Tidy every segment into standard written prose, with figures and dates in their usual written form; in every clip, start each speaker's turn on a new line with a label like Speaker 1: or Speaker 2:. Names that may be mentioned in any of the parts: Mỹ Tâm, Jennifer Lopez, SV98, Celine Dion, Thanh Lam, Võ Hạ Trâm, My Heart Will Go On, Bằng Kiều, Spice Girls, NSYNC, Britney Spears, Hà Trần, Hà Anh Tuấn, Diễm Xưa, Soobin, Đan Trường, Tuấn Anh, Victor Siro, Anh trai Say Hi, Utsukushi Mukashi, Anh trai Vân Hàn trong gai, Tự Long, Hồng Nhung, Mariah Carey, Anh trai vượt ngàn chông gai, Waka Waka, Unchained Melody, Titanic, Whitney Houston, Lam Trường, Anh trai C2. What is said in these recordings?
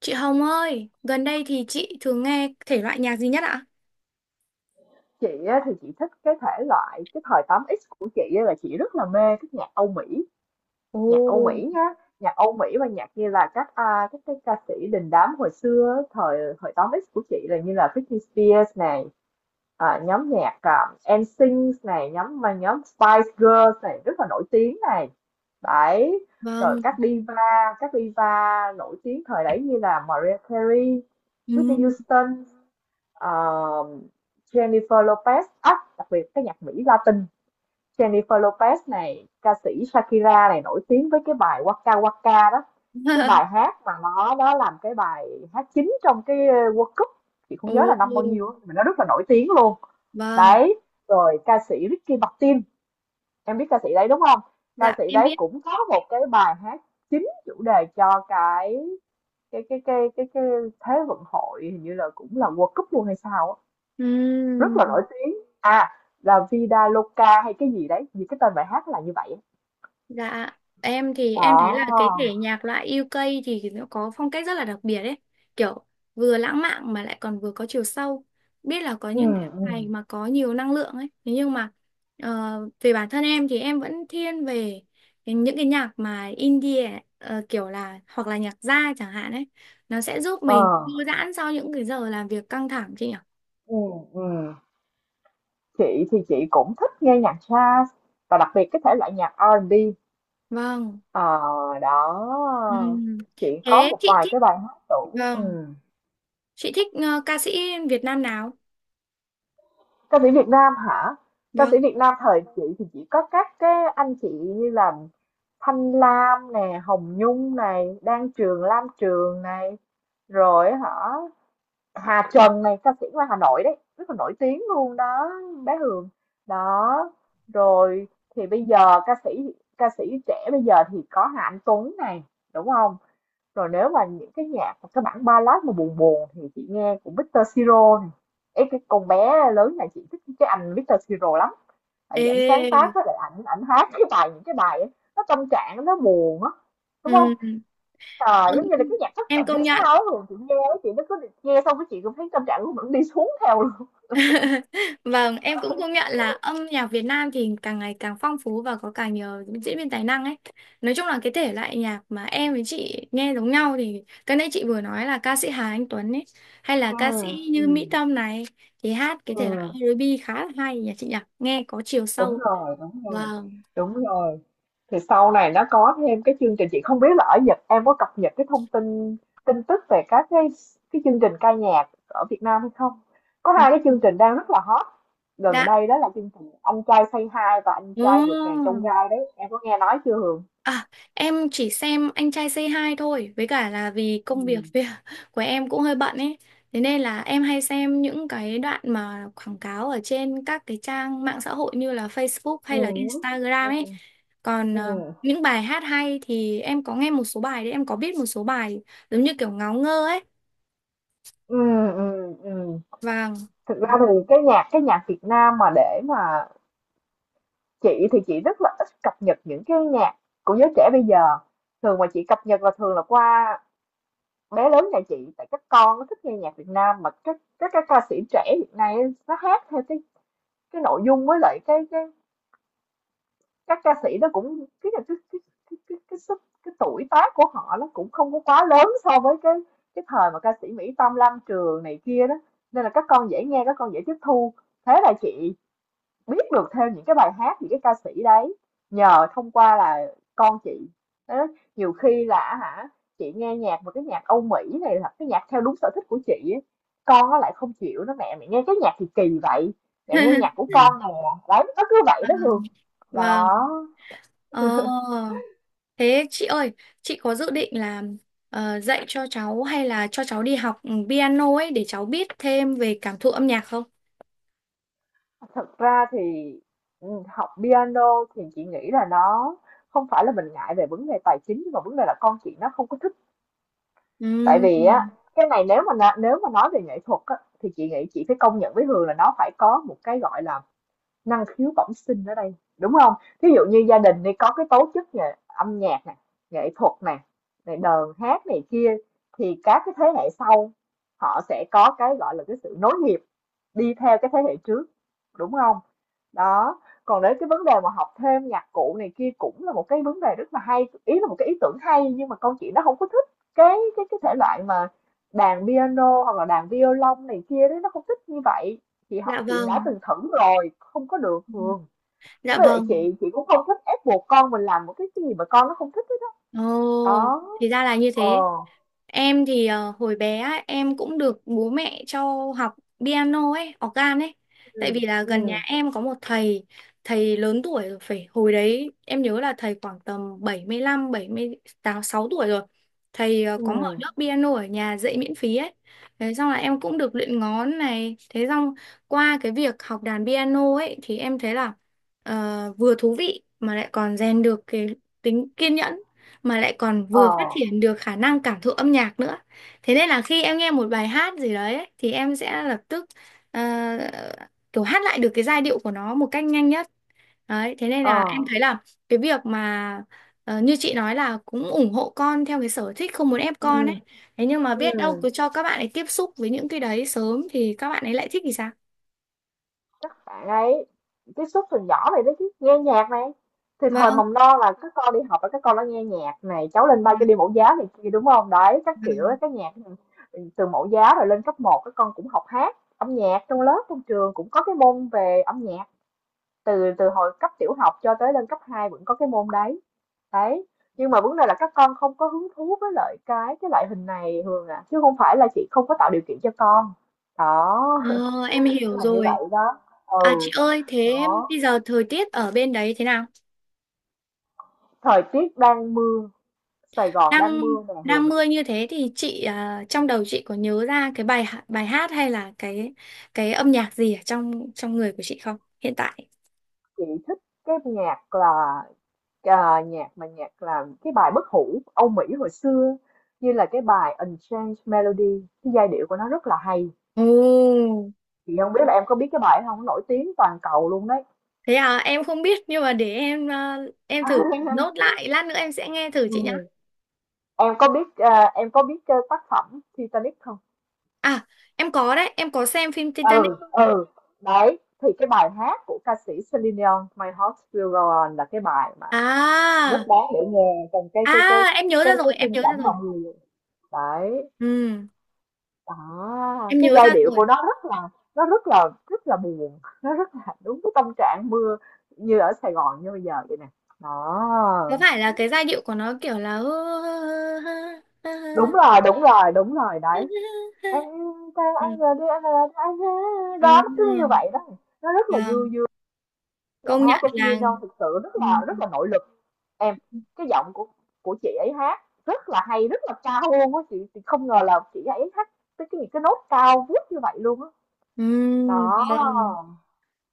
Speaker 1: Chị Hồng ơi, gần đây thì chị thường nghe thể loại nhạc gì nhất ạ?
Speaker 2: Chị á, thì chị thích cái thể loại cái thời 8X của chị á, là chị rất là mê cái nhạc Âu Mỹ, nhạc Âu
Speaker 1: Ồ,
Speaker 2: Mỹ nhá nhạc Âu Mỹ và nhạc như là các cái ca sĩ đình đám hồi xưa á, thời thời 8X của chị, là như là Britney Spears này, nhóm nhạc, NSYNC này, nhóm Spice Girls này rất là nổi tiếng này đấy. Rồi
Speaker 1: vâng.
Speaker 2: các diva nổi tiếng thời đấy như là Mariah Carey, Whitney
Speaker 1: Ừ.
Speaker 2: Houston, Ờ, Jennifer Lopez. Đặc biệt cái nhạc Mỹ Latin, Jennifer Lopez này, ca sĩ Shakira này, nổi tiếng với cái bài Waka Waka đó, cái bài hát mà nó làm cái bài hát chính trong cái World Cup, chị
Speaker 1: Ồ,
Speaker 2: không nhớ là năm bao nhiêu á, nhưng mà nó rất là nổi tiếng luôn
Speaker 1: vâng.
Speaker 2: đấy. Rồi ca sĩ Ricky Martin, em biết ca sĩ đấy đúng không? Ca
Speaker 1: Dạ,
Speaker 2: sĩ
Speaker 1: em
Speaker 2: đấy
Speaker 1: biết.
Speaker 2: cũng có một cái bài hát chính chủ đề cho cái thế vận hội, hình như là cũng là World Cup luôn hay sao á, rất
Speaker 1: Ừ.
Speaker 2: là nổi tiếng. À, là Vida Loca hay cái gì đấy, vì cái tên bài hát là như vậy á.
Speaker 1: Dạ, em thì em thấy
Speaker 2: Đó.
Speaker 1: là cái thể nhạc loại UK thì nó có phong cách rất là đặc biệt ấy. Kiểu vừa lãng mạn mà lại còn vừa có chiều sâu. Biết là có những cái
Speaker 2: Ừm,
Speaker 1: bài
Speaker 2: ừm,
Speaker 1: mà có nhiều năng lượng ấy. Thế nhưng mà về bản thân em thì em vẫn thiên về những cái nhạc mà indie kiểu là hoặc là nhạc jazz chẳng hạn ấy. Nó sẽ giúp
Speaker 2: ờ,
Speaker 1: mình thư giãn sau những cái giờ làm việc căng thẳng chị nhỉ?
Speaker 2: ừm, ừm. Chị thì chị cũng thích nghe nhạc jazz và đặc biệt cái thể loại nhạc R&B.
Speaker 1: Vâng.
Speaker 2: Ờ, đó.
Speaker 1: Ừm.
Speaker 2: Chị có
Speaker 1: Thế
Speaker 2: một
Speaker 1: chị
Speaker 2: vài
Speaker 1: thích
Speaker 2: cái bài hát tủ.
Speaker 1: vâng,
Speaker 2: Ừm.
Speaker 1: chị thích ca sĩ Việt Nam nào?
Speaker 2: Ca sĩ Việt Nam hả? Ca
Speaker 1: Vâng.
Speaker 2: sĩ Việt Nam thời chị thì chỉ có các cái anh chị như là Thanh Lam nè, Hồng Nhung này, Đan Trường, Lam Trường này, rồi hả, Hà Trần này, ca sĩ ngoài Hà Nội đấy, rất là nổi tiếng luôn đó, bé Hường. Đó rồi, thì bây giờ ca sĩ trẻ bây giờ thì có Hà Anh Tuấn này, đúng không? Rồi nếu mà những cái nhạc mà cái bản ballad mà buồn buồn thì chị nghe của Victor Siro này. Ê, cái con bé lớn này chị thích cái anh Victor Siro lắm, tại vì ảnh sáng tác
Speaker 1: Ê,
Speaker 2: với lại ảnh ảnh hát cái bài, những cái bài ấy, nó tâm trạng, nó buồn á, đúng không?
Speaker 1: ừ,
Speaker 2: Trời, giống như là cái nhạc thất
Speaker 1: em
Speaker 2: tình
Speaker 1: công
Speaker 2: hay
Speaker 1: nhận.
Speaker 2: sao á, chị nghe á, chị nó cứ nghe xong cái chị cũng thấy tâm trạng của mình đi xuống theo luôn.
Speaker 1: Vâng, em cũng công nhận là âm nhạc Việt Nam thì càng ngày càng phong phú và có càng nhiều diễn viên tài năng ấy. Nói chung là cái thể loại nhạc mà em với chị nghe giống nhau thì cái nãy chị vừa nói là ca sĩ Hà Anh Tuấn ấy, hay là
Speaker 2: Ờ,
Speaker 1: ca sĩ như Mỹ
Speaker 2: ừm,
Speaker 1: Tâm này thì hát cái
Speaker 2: ờ,
Speaker 1: thể loại R&B khá là hay nhỉ chị nhỉ, nghe có chiều
Speaker 2: đúng
Speaker 1: sâu.
Speaker 2: rồi, đúng rồi,
Speaker 1: Vâng.
Speaker 2: đúng rồi. Thì sau này nó có thêm cái chương trình, chị không biết là ở Nhật em có cập nhật cái thông tin tin tức về các cái chương trình ca nhạc ở Việt Nam hay không? Có hai cái chương trình đang rất là hot gần
Speaker 1: Dạ.
Speaker 2: đây, đó là chương trình Anh trai Say Hi và Anh
Speaker 1: Ồ.
Speaker 2: trai vượt ngàn chông gai đấy. Em có nghe nói chưa Hường?
Speaker 1: À, em chỉ xem Anh trai C2 thôi, với cả là vì
Speaker 2: Ừ.
Speaker 1: công việc việc của em cũng hơi bận ấy. Thế nên là em hay xem những cái đoạn mà quảng cáo ở trên các cái trang mạng xã hội như là Facebook
Speaker 2: Ừ.
Speaker 1: hay là Instagram ấy.
Speaker 2: Ừ.
Speaker 1: Còn
Speaker 2: Ừ.
Speaker 1: những bài hát hay thì em có nghe một số bài đấy, em có biết một số bài giống như kiểu ngáo ngơ ấy.
Speaker 2: Ừ, ừm, ừm.
Speaker 1: Vâng.
Speaker 2: Thực ra thì cái nhạc Việt Nam mà để mà chị thì chị rất là ít cập nhật những cái nhạc của giới trẻ bây giờ. Thường mà chị cập nhật là thường là qua bé lớn nhà chị, tại các con nó thích nghe nhạc Việt Nam mà các ca sĩ trẻ hiện nay ấy, nó hát theo cái nội dung, với lại cái các ca sĩ nó cũng cái tuổi tác của họ nó cũng không có quá lớn so với cái thời mà ca sĩ Mỹ Tâm, Lam Trường này kia đó, nên là các con dễ nghe, các con dễ tiếp thu, thế là chị biết được thêm những cái bài hát, những cái ca sĩ đấy nhờ thông qua là con chị. Thế nhiều khi là hả, chị nghe nhạc, một cái nhạc Âu Mỹ này là cái nhạc theo đúng sở thích của chị ấy, con nó lại không chịu, nó mẹ mẹ nghe cái nhạc thì kỳ vậy, mẹ nghe nhạc của con nè, đấy nó cứ vậy đó Hương.
Speaker 1: Vâng.
Speaker 2: Đó.
Speaker 1: Ờ. Thế chị ơi, chị có dự định là dạy cho cháu hay là cho cháu đi học ừ, piano ấy để cháu biết thêm về cảm thụ âm nhạc không?
Speaker 2: Thật ra thì, học piano thì chị nghĩ là nó không phải là mình ngại về vấn đề tài chính, nhưng mà vấn đề là con chị nó không có thích. Tại vì á,
Speaker 1: Ừm,
Speaker 2: cái này nếu mà nếu mà nói về nghệ thuật á, thì chị nghĩ chị phải công nhận với Hường là nó phải có một cái gọi là năng khiếu bẩm sinh ở đây, đúng không? Thí dụ như gia đình đi có cái tố chất về âm nhạc này, nghệ thuật này, này đờn hát này kia, thì các cái thế hệ sau họ sẽ có cái gọi là cái sự nối nghiệp đi theo cái thế hệ trước, đúng không? Đó, còn đến cái vấn đề mà học thêm nhạc cụ này kia cũng là một cái vấn đề rất là hay, ý là một cái ý tưởng hay, nhưng mà con chị nó không có thích cái thể loại mà đàn piano hoặc là đàn violon này kia đấy, nó không thích như vậy. Chị họ
Speaker 1: dạ
Speaker 2: chị đã
Speaker 1: vâng,
Speaker 2: từng thử rồi không có được thường. Thế
Speaker 1: dạ
Speaker 2: với lại
Speaker 1: vâng.
Speaker 2: chị cũng không thích ép buộc con mình làm một cái gì mà con nó không thích hết đó.
Speaker 1: Ồ,
Speaker 2: Đó.
Speaker 1: thì ra là như thế.
Speaker 2: ờ
Speaker 1: Em thì hồi bé á, em cũng được bố mẹ cho học piano ấy, organ ấy.
Speaker 2: ừ
Speaker 1: Tại vì là gần nhà
Speaker 2: ừ
Speaker 1: em có một thầy, thầy lớn tuổi rồi phải hồi đấy em nhớ là thầy khoảng tầm 75, sáu tuổi rồi. Thầy
Speaker 2: ừ
Speaker 1: có mở lớp piano ở nhà dạy miễn phí ấy. Thế xong là em cũng được luyện ngón này. Thế xong qua cái việc học đàn piano ấy thì em thấy là vừa thú vị mà lại còn rèn được cái tính kiên nhẫn mà lại còn
Speaker 2: ờ
Speaker 1: vừa phát triển được khả năng cảm thụ âm nhạc nữa. Thế nên là khi em nghe một bài hát gì đấy ấy, thì em sẽ lập tức ờ, kiểu hát lại được cái giai điệu của nó một cách nhanh nhất. Đấy, thế nên
Speaker 2: ờ
Speaker 1: là em thấy là cái việc mà như chị nói là cũng ủng hộ con theo cái sở thích không muốn ép
Speaker 2: ừ
Speaker 1: con ấy. Thế nhưng mà biết đâu
Speaker 2: ừ
Speaker 1: cứ cho các bạn ấy tiếp xúc với những cái đấy sớm thì các bạn ấy lại thích thì sao?
Speaker 2: các bạn ấy tiếp xúc từ nhỏ vậy đó, chứ nghe nhạc này thì thời
Speaker 1: Vâng.
Speaker 2: mầm non là các con đi học và các con đã nghe nhạc này, cháu lên ba cho đi mẫu giáo này kia, đúng không? Đấy các kiểu ấy,
Speaker 1: Vâng.
Speaker 2: cái nhạc từ mẫu giáo rồi lên cấp một, các con cũng học hát âm nhạc trong lớp, trong trường cũng có cái môn về âm nhạc, từ từ hồi cấp tiểu học cho tới lên cấp 2 vẫn có cái môn đấy đấy. Nhưng mà vấn đề là các con không có hứng thú với lại cái loại hình này Hường à, chứ không phải là chị không có tạo điều kiện cho con. Đó.
Speaker 1: Ờ, em hiểu
Speaker 2: Là như
Speaker 1: rồi.
Speaker 2: vậy đó.
Speaker 1: À chị
Speaker 2: Ừ.
Speaker 1: ơi, thế
Speaker 2: Đó.
Speaker 1: bây giờ thời tiết ở bên đấy thế nào?
Speaker 2: Thời tiết đang mưa, Sài Gòn
Speaker 1: Đang
Speaker 2: đang mưa nè
Speaker 1: đang
Speaker 2: Hường.
Speaker 1: mưa như thế thì chị à, trong đầu chị có nhớ ra cái bài hát hay là cái âm nhạc gì ở trong trong người của chị không hiện tại?
Speaker 2: Chị thích cái nhạc là nhạc mà nhạc là cái bài bất hủ Âu Mỹ hồi xưa, như là cái bài Unchained Melody, cái giai điệu của nó rất là hay.
Speaker 1: Ồ,
Speaker 2: Chị không biết là em có biết cái bài đó không, nó nổi tiếng toàn cầu luôn đấy.
Speaker 1: thế à em không biết nhưng mà để em à, em thử nốt lại lát nữa em sẽ nghe thử
Speaker 2: Ừ.
Speaker 1: chị nhá.
Speaker 2: Em có biết em có biết tác phẩm Titanic không?
Speaker 1: À em có đấy em có xem phim Titanic.
Speaker 2: Ừ. Ừ. Đấy thì cái bài hát của ca sĩ Celine Dion, My Heart Will Go On, là cái bài mà rất
Speaker 1: À
Speaker 2: đáng để nghe. Còn cái
Speaker 1: à
Speaker 2: cái cái
Speaker 1: em nhớ
Speaker 2: cái
Speaker 1: ra rồi
Speaker 2: cái
Speaker 1: em
Speaker 2: khung
Speaker 1: nhớ
Speaker 2: cảnh
Speaker 1: ra rồi.
Speaker 2: mọi người đấy,
Speaker 1: Ừ
Speaker 2: đó,
Speaker 1: em
Speaker 2: cái
Speaker 1: nhớ
Speaker 2: giai
Speaker 1: ra
Speaker 2: điệu
Speaker 1: rồi.
Speaker 2: của nó rất là, nó rất là buồn, nó rất là đúng cái tâm trạng mưa như ở Sài Gòn như bây giờ vậy nè. Đó.
Speaker 1: Có phải là cái giai điệu của nó kiểu là
Speaker 2: Đúng rồi, đúng rồi, đúng rồi đấy em. Ta
Speaker 1: ừ.
Speaker 2: anh giờ đi, anh giờ đi, anh, đó
Speaker 1: Ừ.
Speaker 2: nó cứ như vậy đó, nó rất là vui
Speaker 1: Vâng,
Speaker 2: vui. Giọng
Speaker 1: công nhận
Speaker 2: hát của Celine
Speaker 1: là
Speaker 2: Dion thực sự rất
Speaker 1: ừm,
Speaker 2: là rất là nội lực. Em, cái giọng của chị ấy hát rất là hay, rất là cao luôn á, chị không ngờ là chị ấy hát tới cái những cái nốt cao vút như vậy luôn á. Đó.
Speaker 1: vâng,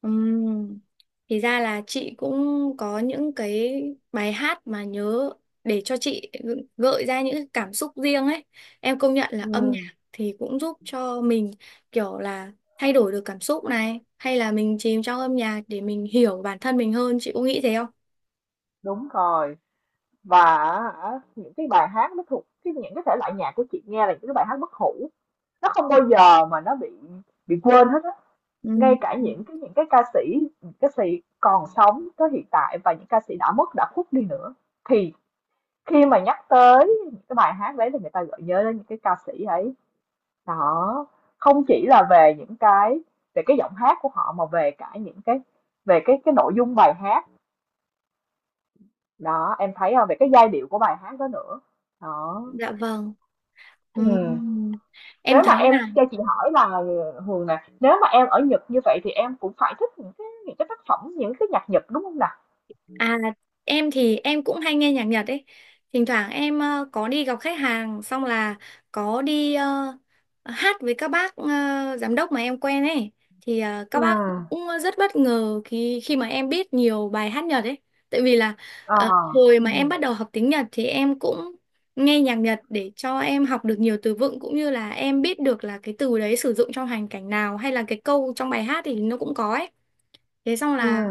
Speaker 1: ừm. Thì ra là chị cũng có những cái bài hát mà nhớ để cho chị gợi ra những cái cảm xúc riêng ấy. Em công nhận là âm
Speaker 2: Ừ,
Speaker 1: nhạc thì cũng giúp cho mình kiểu là thay đổi được cảm xúc này, hay là mình chìm trong âm nhạc để mình hiểu bản thân mình hơn, chị có nghĩ thế không?
Speaker 2: đúng rồi. Và á, những cái bài hát nó thuộc cái những cái thể loại nhạc của chị nghe là những cái bài hát bất hủ. Nó không bao giờ mà nó bị quên hết á. Ngay
Speaker 1: Ừm.
Speaker 2: cả những cái ca sĩ, những ca sĩ còn sống tới hiện tại và những ca sĩ đã mất, đã khuất đi nữa, thì khi mà nhắc tới những cái bài hát đấy thì người ta gợi nhớ đến những cái ca sĩ ấy. Đó, không chỉ là về những cái về cái giọng hát của họ mà về cả những cái về cái nội dung bài hát. Đó, em thấy không, về cái giai điệu của bài hát đó nữa. Đó.
Speaker 1: Dạ vâng.
Speaker 2: Ừm.
Speaker 1: Ừm. Em
Speaker 2: Nếu mà
Speaker 1: thấy
Speaker 2: em
Speaker 1: là
Speaker 2: cho chị hỏi là, Hường nè, nếu mà em ở Nhật như vậy thì em cũng phải thích những cái tác phẩm, những cái nhạc Nhật, đúng không nè?
Speaker 1: à em thì em cũng hay nghe nhạc Nhật ấy. Thỉnh thoảng em có đi gặp khách hàng xong là có đi hát với các bác giám đốc mà em quen ấy thì các
Speaker 2: ừ
Speaker 1: bác cũng rất bất ngờ khi khi mà em biết nhiều bài hát Nhật ấy. Tại vì là
Speaker 2: ờ,
Speaker 1: hồi mà em
Speaker 2: ừ
Speaker 1: bắt đầu học tiếng Nhật thì em cũng nghe nhạc Nhật để cho em học được nhiều từ vựng cũng như là em biết được là cái từ đấy sử dụng trong hoàn cảnh nào hay là cái câu trong bài hát thì nó cũng có ấy. Thế xong
Speaker 2: ừ
Speaker 1: là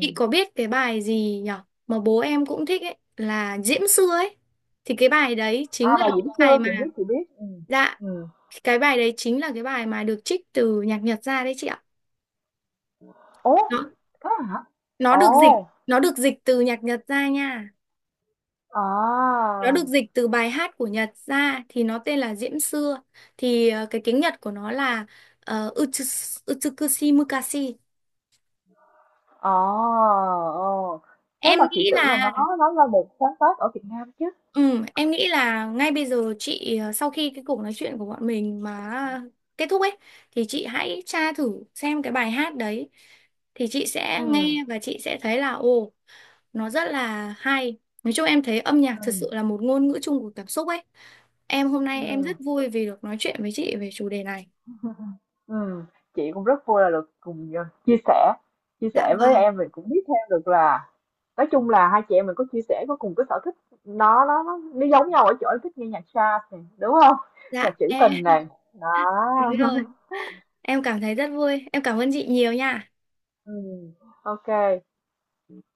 Speaker 1: chị có biết cái bài gì nhở mà bố em cũng thích ấy là Diễm Xưa ấy. Thì cái bài đấy chính
Speaker 2: À,
Speaker 1: là
Speaker 2: bà
Speaker 1: cái
Speaker 2: Diễm
Speaker 1: bài
Speaker 2: Xưa
Speaker 1: mà
Speaker 2: chị biết, ừ.
Speaker 1: dạ
Speaker 2: Ừm.
Speaker 1: cái bài đấy chính là cái bài mà được trích từ nhạc Nhật ra đấy chị ạ.
Speaker 2: Ủa,
Speaker 1: Nó
Speaker 2: thế hả?
Speaker 1: nó được dịch
Speaker 2: Ồ,
Speaker 1: nó được dịch từ nhạc Nhật ra nha.
Speaker 2: à!
Speaker 1: Nó được dịch từ bài hát của Nhật ra thì nó tên là Diễm Xưa. Thì cái tiếng Nhật của nó là uh, Utsukushi Mukashi.
Speaker 2: Ờ, ờ. Thế
Speaker 1: Em
Speaker 2: mà chị
Speaker 1: nghĩ
Speaker 2: tưởng là
Speaker 1: là
Speaker 2: nó là một sáng tác ở Việt Nam chứ.
Speaker 1: ừ, em nghĩ là ngay bây giờ chị sau khi cái cuộc nói chuyện của bọn mình mà kết thúc ấy thì chị hãy tra thử xem cái bài hát đấy thì chị sẽ
Speaker 2: Ừ,
Speaker 1: nghe và chị sẽ thấy là ồ nó rất là hay. Nói chung em thấy âm nhạc thật
Speaker 2: ừ,
Speaker 1: sự là một ngôn ngữ chung của cảm xúc ấy. Em hôm nay em rất
Speaker 2: ừ,
Speaker 1: vui vì được nói chuyện với chị về chủ đề này.
Speaker 2: ừ. Chị cũng rất vui là được cùng chia
Speaker 1: Dạ
Speaker 2: sẻ với
Speaker 1: vâng.
Speaker 2: em, mình cũng biết thêm được là, nói chung là hai chị em mình có chia sẻ, có cùng cái sở thích, nó giống nhau ở chỗ em thích nghe nhạc jazz này, đúng không?
Speaker 1: Dạ
Speaker 2: Nhạc trữ
Speaker 1: em
Speaker 2: tình này, đó.
Speaker 1: đúng rồi. Em cảm thấy rất vui. Em cảm ơn chị nhiều nha.
Speaker 2: Ừ. Ok.